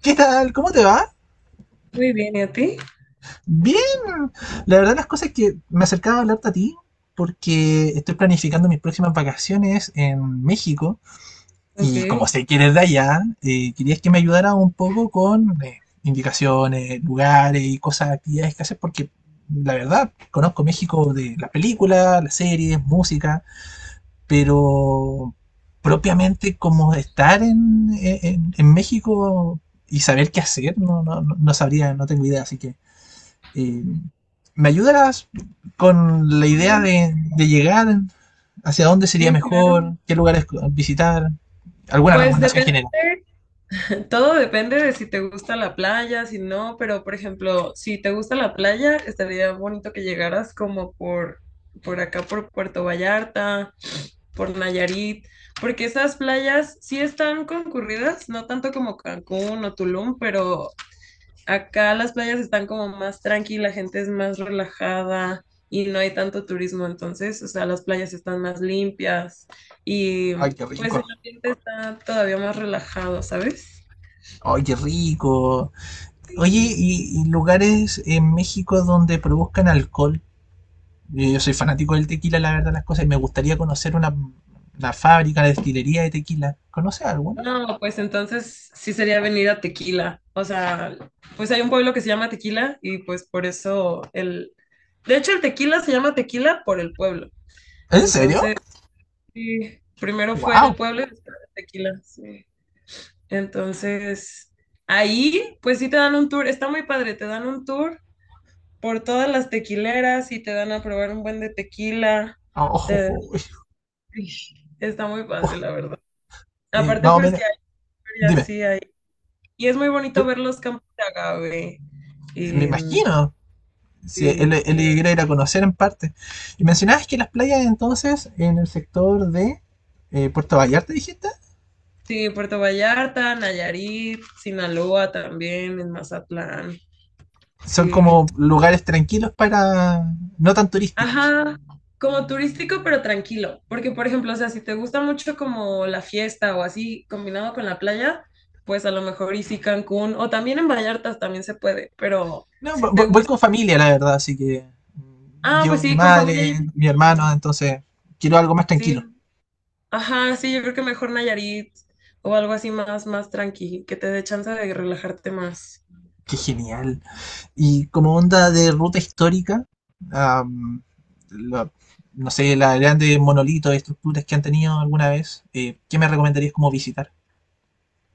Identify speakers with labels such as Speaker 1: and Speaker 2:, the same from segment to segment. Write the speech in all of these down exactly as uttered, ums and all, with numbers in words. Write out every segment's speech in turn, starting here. Speaker 1: ¿Qué tal? ¿Cómo te va?
Speaker 2: Muy bien, ¿y a ti?
Speaker 1: Bien. La verdad las cosas es que me acercaba a hablarte a ti porque estoy planificando mis próximas vacaciones en México
Speaker 2: Ok,
Speaker 1: y como
Speaker 2: sí,
Speaker 1: sé que eres de allá, eh, querías que me ayudara un poco con eh, indicaciones, lugares y cosas, actividades que hacer porque la verdad conozco México de las películas, las series, música, pero propiamente como estar en, en- en México y saber qué hacer, no, no, no no sabría, no tengo idea, así que Eh, ¿Me ayudarás con la idea de, de llegar? ¿Hacia dónde sería
Speaker 2: sí, claro.
Speaker 1: mejor? ¿Qué lugares visitar? ¿Alguna
Speaker 2: Pues
Speaker 1: recomendación
Speaker 2: depende,
Speaker 1: general?
Speaker 2: todo depende de si te gusta la playa, si no, pero por ejemplo, si te gusta la playa, estaría bonito que llegaras como por, por acá, por Puerto Vallarta, por Nayarit, porque esas playas sí están concurridas, no tanto como Cancún o Tulum, pero acá las playas están como más tranqui, la gente es más relajada y no hay tanto turismo, entonces, o sea, las playas están más limpias y
Speaker 1: Ay, qué
Speaker 2: pues el
Speaker 1: rico.
Speaker 2: ambiente está todavía más relajado, ¿sabes?
Speaker 1: Ay, qué rico. Oye,
Speaker 2: Sí.
Speaker 1: ¿y, y lugares en México donde produzcan alcohol? Yo, yo soy fanático del tequila, la verdad, las cosas, y me gustaría conocer una, una fábrica, una destilería de tequila. ¿Conoces alguna?
Speaker 2: No, pues entonces sí sería venir a Tequila, o sea, pues hay un pueblo que se llama Tequila y pues por eso el... De hecho, el Tequila se llama Tequila por el pueblo,
Speaker 1: ¿En serio?
Speaker 2: entonces sí, primero fue el
Speaker 1: ¡Wow!
Speaker 2: pueblo y después el Tequila, sí. Entonces, ahí, pues sí te dan un tour, está muy padre, te dan un tour por todas las tequileras y te dan a probar un buen de tequila.
Speaker 1: Oh,
Speaker 2: te-
Speaker 1: oh, oh,
Speaker 2: Está muy
Speaker 1: oh.
Speaker 2: padre, la verdad.
Speaker 1: Eh,
Speaker 2: Aparte,
Speaker 1: más o
Speaker 2: pues
Speaker 1: menos.
Speaker 2: que hay ferias,
Speaker 1: Dime.
Speaker 2: sí hay. Y es muy bonito
Speaker 1: Eh,
Speaker 2: ver los campos de agave.
Speaker 1: me
Speaker 2: Em,
Speaker 1: imagino. Sí, él,
Speaker 2: sí,
Speaker 1: él quería ir a conocer en parte. Y mencionabas que las playas entonces en el sector de eh, Puerto Vallarta, dijiste,
Speaker 2: sí, Puerto Vallarta, Nayarit, Sinaloa también, en Mazatlán.
Speaker 1: son
Speaker 2: Sí.
Speaker 1: como lugares tranquilos para no tan turísticos.
Speaker 2: Ajá, como turístico, pero tranquilo. Porque, por ejemplo, o sea, si te gusta mucho como la fiesta o así combinado con la playa, pues a lo mejor y sí Cancún o también en Vallarta también se puede, pero
Speaker 1: No, vo-
Speaker 2: si te
Speaker 1: vo- voy
Speaker 2: gusta.
Speaker 1: con familia, la verdad, así que mm,
Speaker 2: Ah, pues
Speaker 1: llevo mi
Speaker 2: sí, con familia yo
Speaker 1: madre,
Speaker 2: creo que
Speaker 1: mi hermano,
Speaker 2: sí.
Speaker 1: entonces quiero algo más
Speaker 2: Sí,
Speaker 1: tranquilo.
Speaker 2: ajá, sí, yo creo que mejor Nayarit o algo así más, más tranqui, que te dé chance de relajarte más.
Speaker 1: Qué genial. Y como onda de ruta histórica, am, la- no sé, las grandes monolitos, estructuras que han tenido alguna vez, eh, ¿qué me recomendarías como visitar?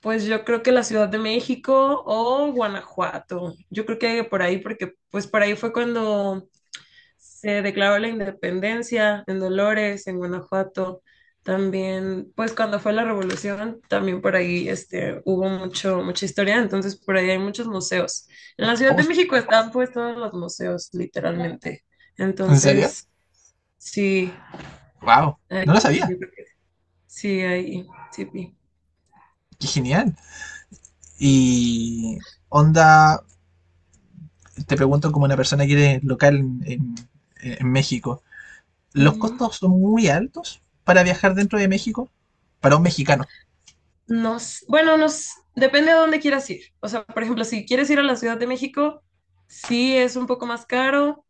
Speaker 2: Pues yo creo que la Ciudad de México o Guanajuato. Yo creo que por ahí, porque pues por ahí fue cuando se declaró la independencia en Dolores, en Guanajuato. También, pues cuando fue la revolución, también por ahí este, hubo mucho, mucha historia, entonces por ahí hay muchos museos. En la Ciudad
Speaker 1: Oh,
Speaker 2: de
Speaker 1: qué
Speaker 2: México
Speaker 1: genial.
Speaker 2: están pues todos los museos, literalmente.
Speaker 1: ¿En serio?
Speaker 2: Entonces, sí,
Speaker 1: ¡Wow! No
Speaker 2: hay-
Speaker 1: lo sabía.
Speaker 2: yo creo que sí, ahí sí. Sí.
Speaker 1: ¡Qué genial! Y onda, te pregunto como una persona que eres local en, en- en México, ¿los
Speaker 2: Ujú.
Speaker 1: costos son muy altos para viajar dentro de México? Para un mexicano.
Speaker 2: Nos, bueno, nos depende de dónde quieras ir. O sea, por ejemplo, si quieres ir a la Ciudad de México, sí es un poco más caro,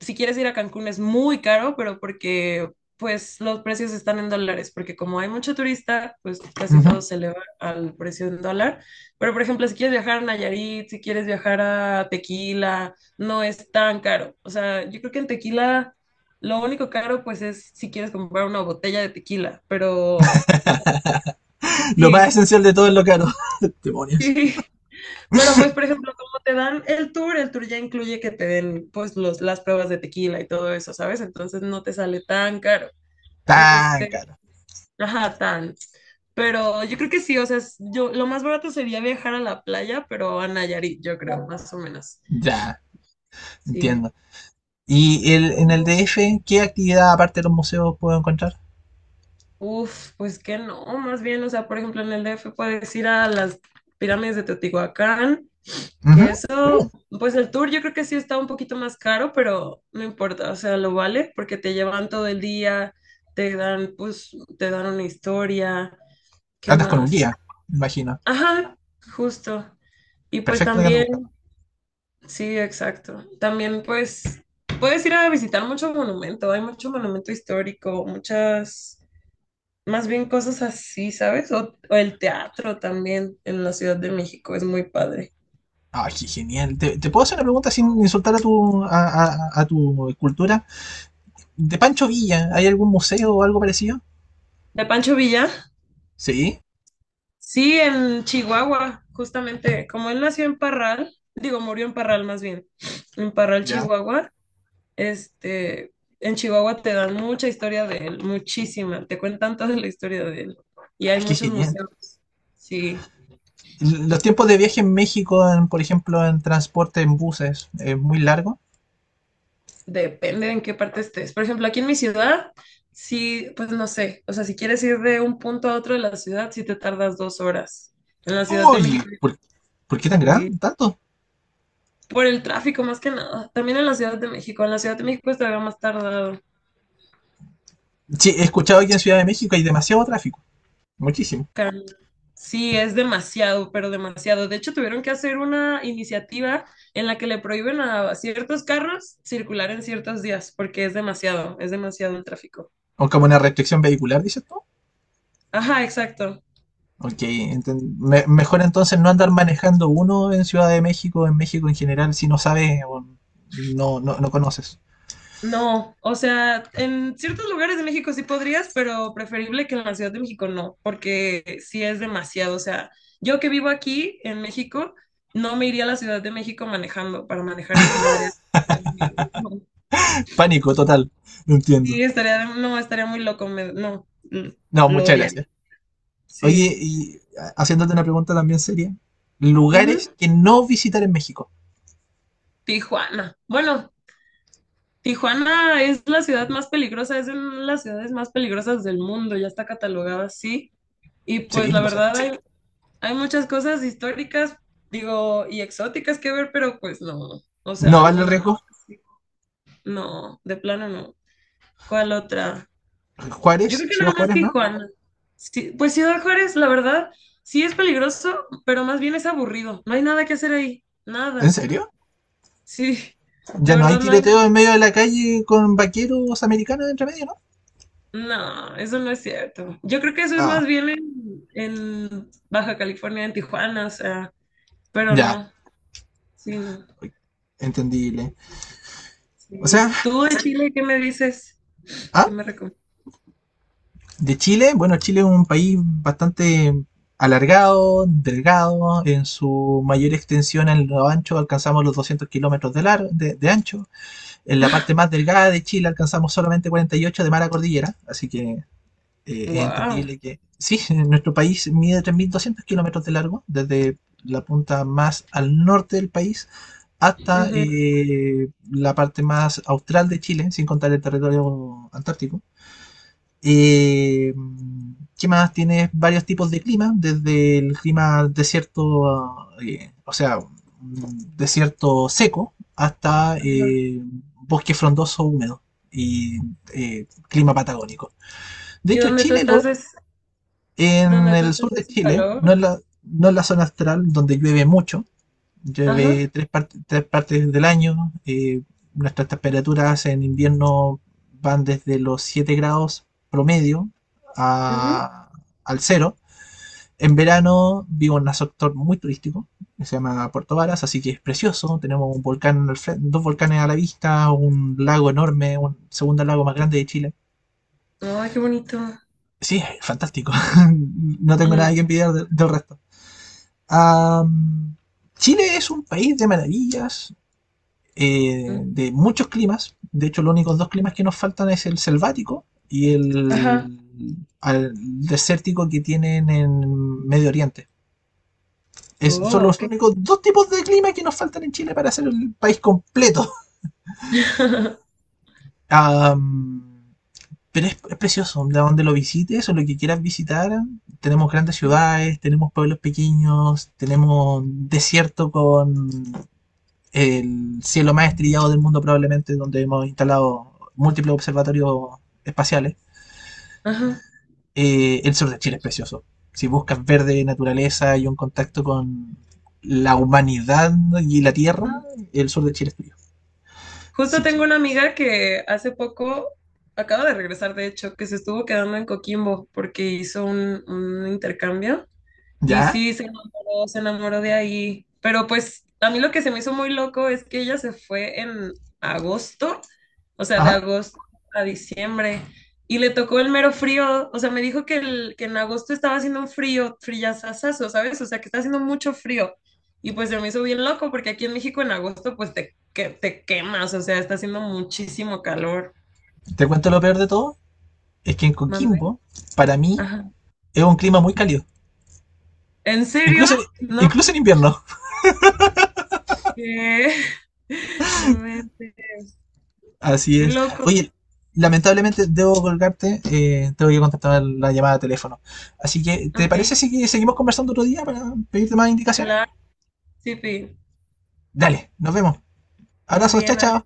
Speaker 2: si quieres ir a Cancún es muy caro, pero porque pues los precios están en dólares, porque como hay mucho turista, pues casi
Speaker 1: Ujú.
Speaker 2: todo se eleva al precio en dólar. Pero por ejemplo, si quieres viajar a Nayarit, si quieres viajar a Tequila, no es tan caro. O sea, yo creo que en Tequila lo único caro pues es si quieres comprar una botella de tequila, pero, o sea,
Speaker 1: Lo más
Speaker 2: sí,
Speaker 1: esencial de todo es lo caro. Demonios.
Speaker 2: sí. Pero pues, por ejemplo, como te dan el tour, el tour ya incluye que te den pues los, las pruebas de tequila y todo eso, ¿sabes? Entonces no te sale tan caro.
Speaker 1: Tan
Speaker 2: Este,
Speaker 1: caro.
Speaker 2: ajá, tan. Pero yo creo que sí, o sea, es- yo lo más barato sería viajar a la playa, pero a Nayarit, yo creo, más o menos.
Speaker 1: Ya,
Speaker 2: Sí.
Speaker 1: entiendo. ¿Y el, en el
Speaker 2: Tú-
Speaker 1: D F, qué actividad aparte de los museos puedo encontrar?
Speaker 2: Uf, pues que no, más bien, o sea, por ejemplo, en el D F puedes ir a las pirámides de Teotihuacán,
Speaker 1: Ujú.
Speaker 2: que es
Speaker 1: Uh,
Speaker 2: pues el tour yo creo que sí está un poquito más caro, pero no importa, o sea, lo vale porque te llevan todo el día, te dan, pues, te dan una historia, ¿qué
Speaker 1: Andas con un
Speaker 2: más?
Speaker 1: guía, me imagino.
Speaker 2: Ajá, justo. Y pues
Speaker 1: Perfecto lo que ando buscando.
Speaker 2: también, sí, exacto. También pues puedes ir a visitar mucho monumento, hay mucho monumento histórico, muchas, más bien cosas así, ¿sabes? O, o el teatro también en la Ciudad de México, es muy padre.
Speaker 1: Ay, genial. ¿Te, te puedo hacer una pregunta sin insultar a tu, a, a, a tu cultura? De Pancho Villa, ¿hay algún museo o algo parecido?
Speaker 2: ¿De Pancho Villa?
Speaker 1: Sí,
Speaker 2: Sí, en Chihuahua, justamente, como él nació en Parral, digo, murió en Parral más bien, en Parral,
Speaker 1: ya.
Speaker 2: Chihuahua, este, en Chihuahua te dan mucha historia de él, muchísima, te cuentan toda la historia de él. Y hay
Speaker 1: Ay, qué
Speaker 2: muchos
Speaker 1: genial.
Speaker 2: museos, sí,
Speaker 1: L- Los tiempos de viaje en México, en- por ejemplo, en transporte en buses, es muy largo.
Speaker 2: depende en qué parte estés. Por ejemplo, aquí en mi ciudad, sí, pues no sé, o sea, si quieres ir de un punto a otro de la ciudad, sí te tardas dos horas. En la Ciudad de
Speaker 1: Uy,
Speaker 2: México,
Speaker 1: ¿por, por qué tan grande?
Speaker 2: sí,
Speaker 1: ¿Tanto?
Speaker 2: por el tráfico más que nada. También en la Ciudad de México. En la Ciudad de México es todavía más tardado.
Speaker 1: Sí, he escuchado que en Ciudad de México hay demasiado tráfico. Muchísimo.
Speaker 2: Caramba. Sí, es demasiado, pero demasiado. De hecho, tuvieron que hacer una iniciativa en la que le prohíben a ciertos carros circular en ciertos días, porque es demasiado, es demasiado el tráfico.
Speaker 1: O como una restricción vehicular, dices tú.
Speaker 2: Ajá, exacto.
Speaker 1: Ok, enten- me- mejor entonces no andar manejando uno en Ciudad de México, en México en general, si no sabes o no, no, no conoces.
Speaker 2: No, o sea, en ciertos lugares de México sí podrías, pero preferible que en la Ciudad de México no, porque sí es demasiado. O sea, yo que vivo aquí en México, no me iría a la Ciudad de México manejando para manejar yo, me daría miedo. No,
Speaker 1: Pánico total, lo entiendo.
Speaker 2: sí, estaría, no, estaría muy loco, me- no, l-
Speaker 1: No,
Speaker 2: lo
Speaker 1: muchas
Speaker 2: odiaría.
Speaker 1: gracias. Oye,
Speaker 2: Sí.
Speaker 1: y ha- haciéndote una pregunta también seria,
Speaker 2: Ujú.
Speaker 1: lugares que no visitar en México.
Speaker 2: Tijuana. Bueno, Tijuana es la ciudad más peligrosa, es una de las ciudades más peligrosas del mundo, ya está catalogada así. Y pues
Speaker 1: Sí,
Speaker 2: la
Speaker 1: lo sé.
Speaker 2: verdad hay Hay muchas cosas históricas, digo, y exóticas que ver, pero pues no. O sea,
Speaker 1: ¿No vale el
Speaker 2: alguna,
Speaker 1: riesgo?
Speaker 2: sí, no, de plano no. ¿Cuál otra? Yo
Speaker 1: Juárez,
Speaker 2: creo que
Speaker 1: Ciudad
Speaker 2: nada más
Speaker 1: Juárez, ¿no?
Speaker 2: Tijuana. Sí, pues Ciudad Juárez, la verdad, sí es peligroso, pero más bien es aburrido. No hay nada que hacer ahí,
Speaker 1: ¿En
Speaker 2: nada.
Speaker 1: serio?
Speaker 2: Sí, de
Speaker 1: Ya no hay
Speaker 2: verdad no hay nada.
Speaker 1: tiroteo en medio de la calle con vaqueros americanos entre medio, ¿no?
Speaker 2: No, eso no es cierto. Yo creo que eso es
Speaker 1: Ah,
Speaker 2: más bien en, en Baja California, en Tijuana, o sea, pero
Speaker 1: ya,
Speaker 2: no, sí, no.
Speaker 1: entendible. O
Speaker 2: Sí.
Speaker 1: sea,
Speaker 2: ¿Tú de Chile qué me dices?
Speaker 1: ¿ah?
Speaker 2: ¿Qué me recomiendas?
Speaker 1: De Chile, bueno, Chile es un país bastante alargado, delgado, en su mayor extensión en lo ancho alcanzamos los doscientos kilómetros de, lar- de, de ancho, en la parte más delgada de Chile alcanzamos solamente cuarenta y ocho de mar a cordillera, así que eh, es
Speaker 2: Wow.
Speaker 1: entendible que sí, nuestro país mide tres mil doscientos kilómetros de largo, desde la punta más al norte del país hasta eh, la parte más austral de Chile, sin contar el territorio antártico. eh, ¿Qué más? Tienes varios tipos de clima, desde el clima desierto, eh, o sea, mm, desierto seco, hasta eh, bosque frondoso húmedo y eh, clima patagónico. De
Speaker 2: ¿Y
Speaker 1: hecho,
Speaker 2: dónde tú
Speaker 1: Chile,
Speaker 2: estás
Speaker 1: lo,
Speaker 2: es
Speaker 1: en
Speaker 2: dónde tú
Speaker 1: el
Speaker 2: estás
Speaker 1: sur de
Speaker 2: hace
Speaker 1: Chile, no
Speaker 2: calor?
Speaker 1: en la, no en la zona astral donde llueve mucho.
Speaker 2: Ajá.
Speaker 1: Llueve tres, par- tres partes del año. Eh, nuestras temperaturas en invierno van desde los siete grados promedio
Speaker 2: Ujú.
Speaker 1: a- al cero. En verano vivo en un sector muy turístico, que se llama Puerto Varas, así que es precioso. Tenemos un volcán al fren- dos volcanes a la vista, un lago enorme, un segundo lago más grande de Chile.
Speaker 2: Ay, qué bonito.
Speaker 1: Sí, es fantástico. No tengo nada que
Speaker 2: Mm,
Speaker 1: envidiar de- del resto. Am, Chile es un país de maravillas.
Speaker 2: mm.
Speaker 1: Eh, de muchos climas. De hecho, los únicos dos climas que nos faltan es el selvático y
Speaker 2: Ajá.
Speaker 1: el, al desértico que tienen en Medio Oriente. Es, son
Speaker 2: Oh,
Speaker 1: los
Speaker 2: ok.
Speaker 1: únicos dos tipos de clima que nos faltan en Chile para hacer el país completo. Um, pero es, es precioso, de donde lo visites o lo que quieras visitar, tenemos grandes ciudades, tenemos pueblos pequeños, tenemos desierto con el cielo más estrellado del mundo probablemente, donde hemos instalado múltiples observatorios espaciales.
Speaker 2: Ajá.
Speaker 1: Eh, el sur de Chile es precioso. Si buscas verde, naturaleza y un contacto con la humanidad y la tierra,
Speaker 2: Mm.
Speaker 1: el sur de Chile es tuyo.
Speaker 2: Justo
Speaker 1: Así
Speaker 2: tengo una
Speaker 1: que,
Speaker 2: amiga que hace poco acaba de regresar, de hecho, que se estuvo quedando en Coquimbo porque hizo un, un intercambio. Y
Speaker 1: ya,
Speaker 2: sí, se enamoró, se enamoró de ahí. Pero pues a mí lo que se me hizo muy loco es que ella se fue en agosto, o sea, de
Speaker 1: ajá.
Speaker 2: agosto a diciembre, y le tocó el mero frío. O sea, me dijo que, el, que en agosto estaba haciendo un frío, frillazazazo, ¿sabes? O sea, que está haciendo mucho frío. Y pues se me hizo bien loco porque aquí en México en agosto pues te, que, te quemas, o sea, está haciendo muchísimo calor.
Speaker 1: Te cuento lo peor de todo, es que en
Speaker 2: ¿Mande?
Speaker 1: Coquimbo, para mí,
Speaker 2: Ajá.
Speaker 1: es un clima muy cálido.
Speaker 2: ¿En serio?
Speaker 1: Incluso,
Speaker 2: No,
Speaker 1: incluso en invierno.
Speaker 2: que... No inventes.
Speaker 1: Así
Speaker 2: Qué
Speaker 1: es.
Speaker 2: loco.
Speaker 1: Oye, lamentablemente debo colgarte, eh, tengo que contestar la llamada de teléfono. Así que, ¿te parece
Speaker 2: Ok,
Speaker 1: si seguimos conversando otro día para pedirte más indicaciones?
Speaker 2: claro, sí, Pi.
Speaker 1: Dale, nos vemos.
Speaker 2: Muy
Speaker 1: Abrazos, chao,
Speaker 2: bien, adiós.
Speaker 1: chao.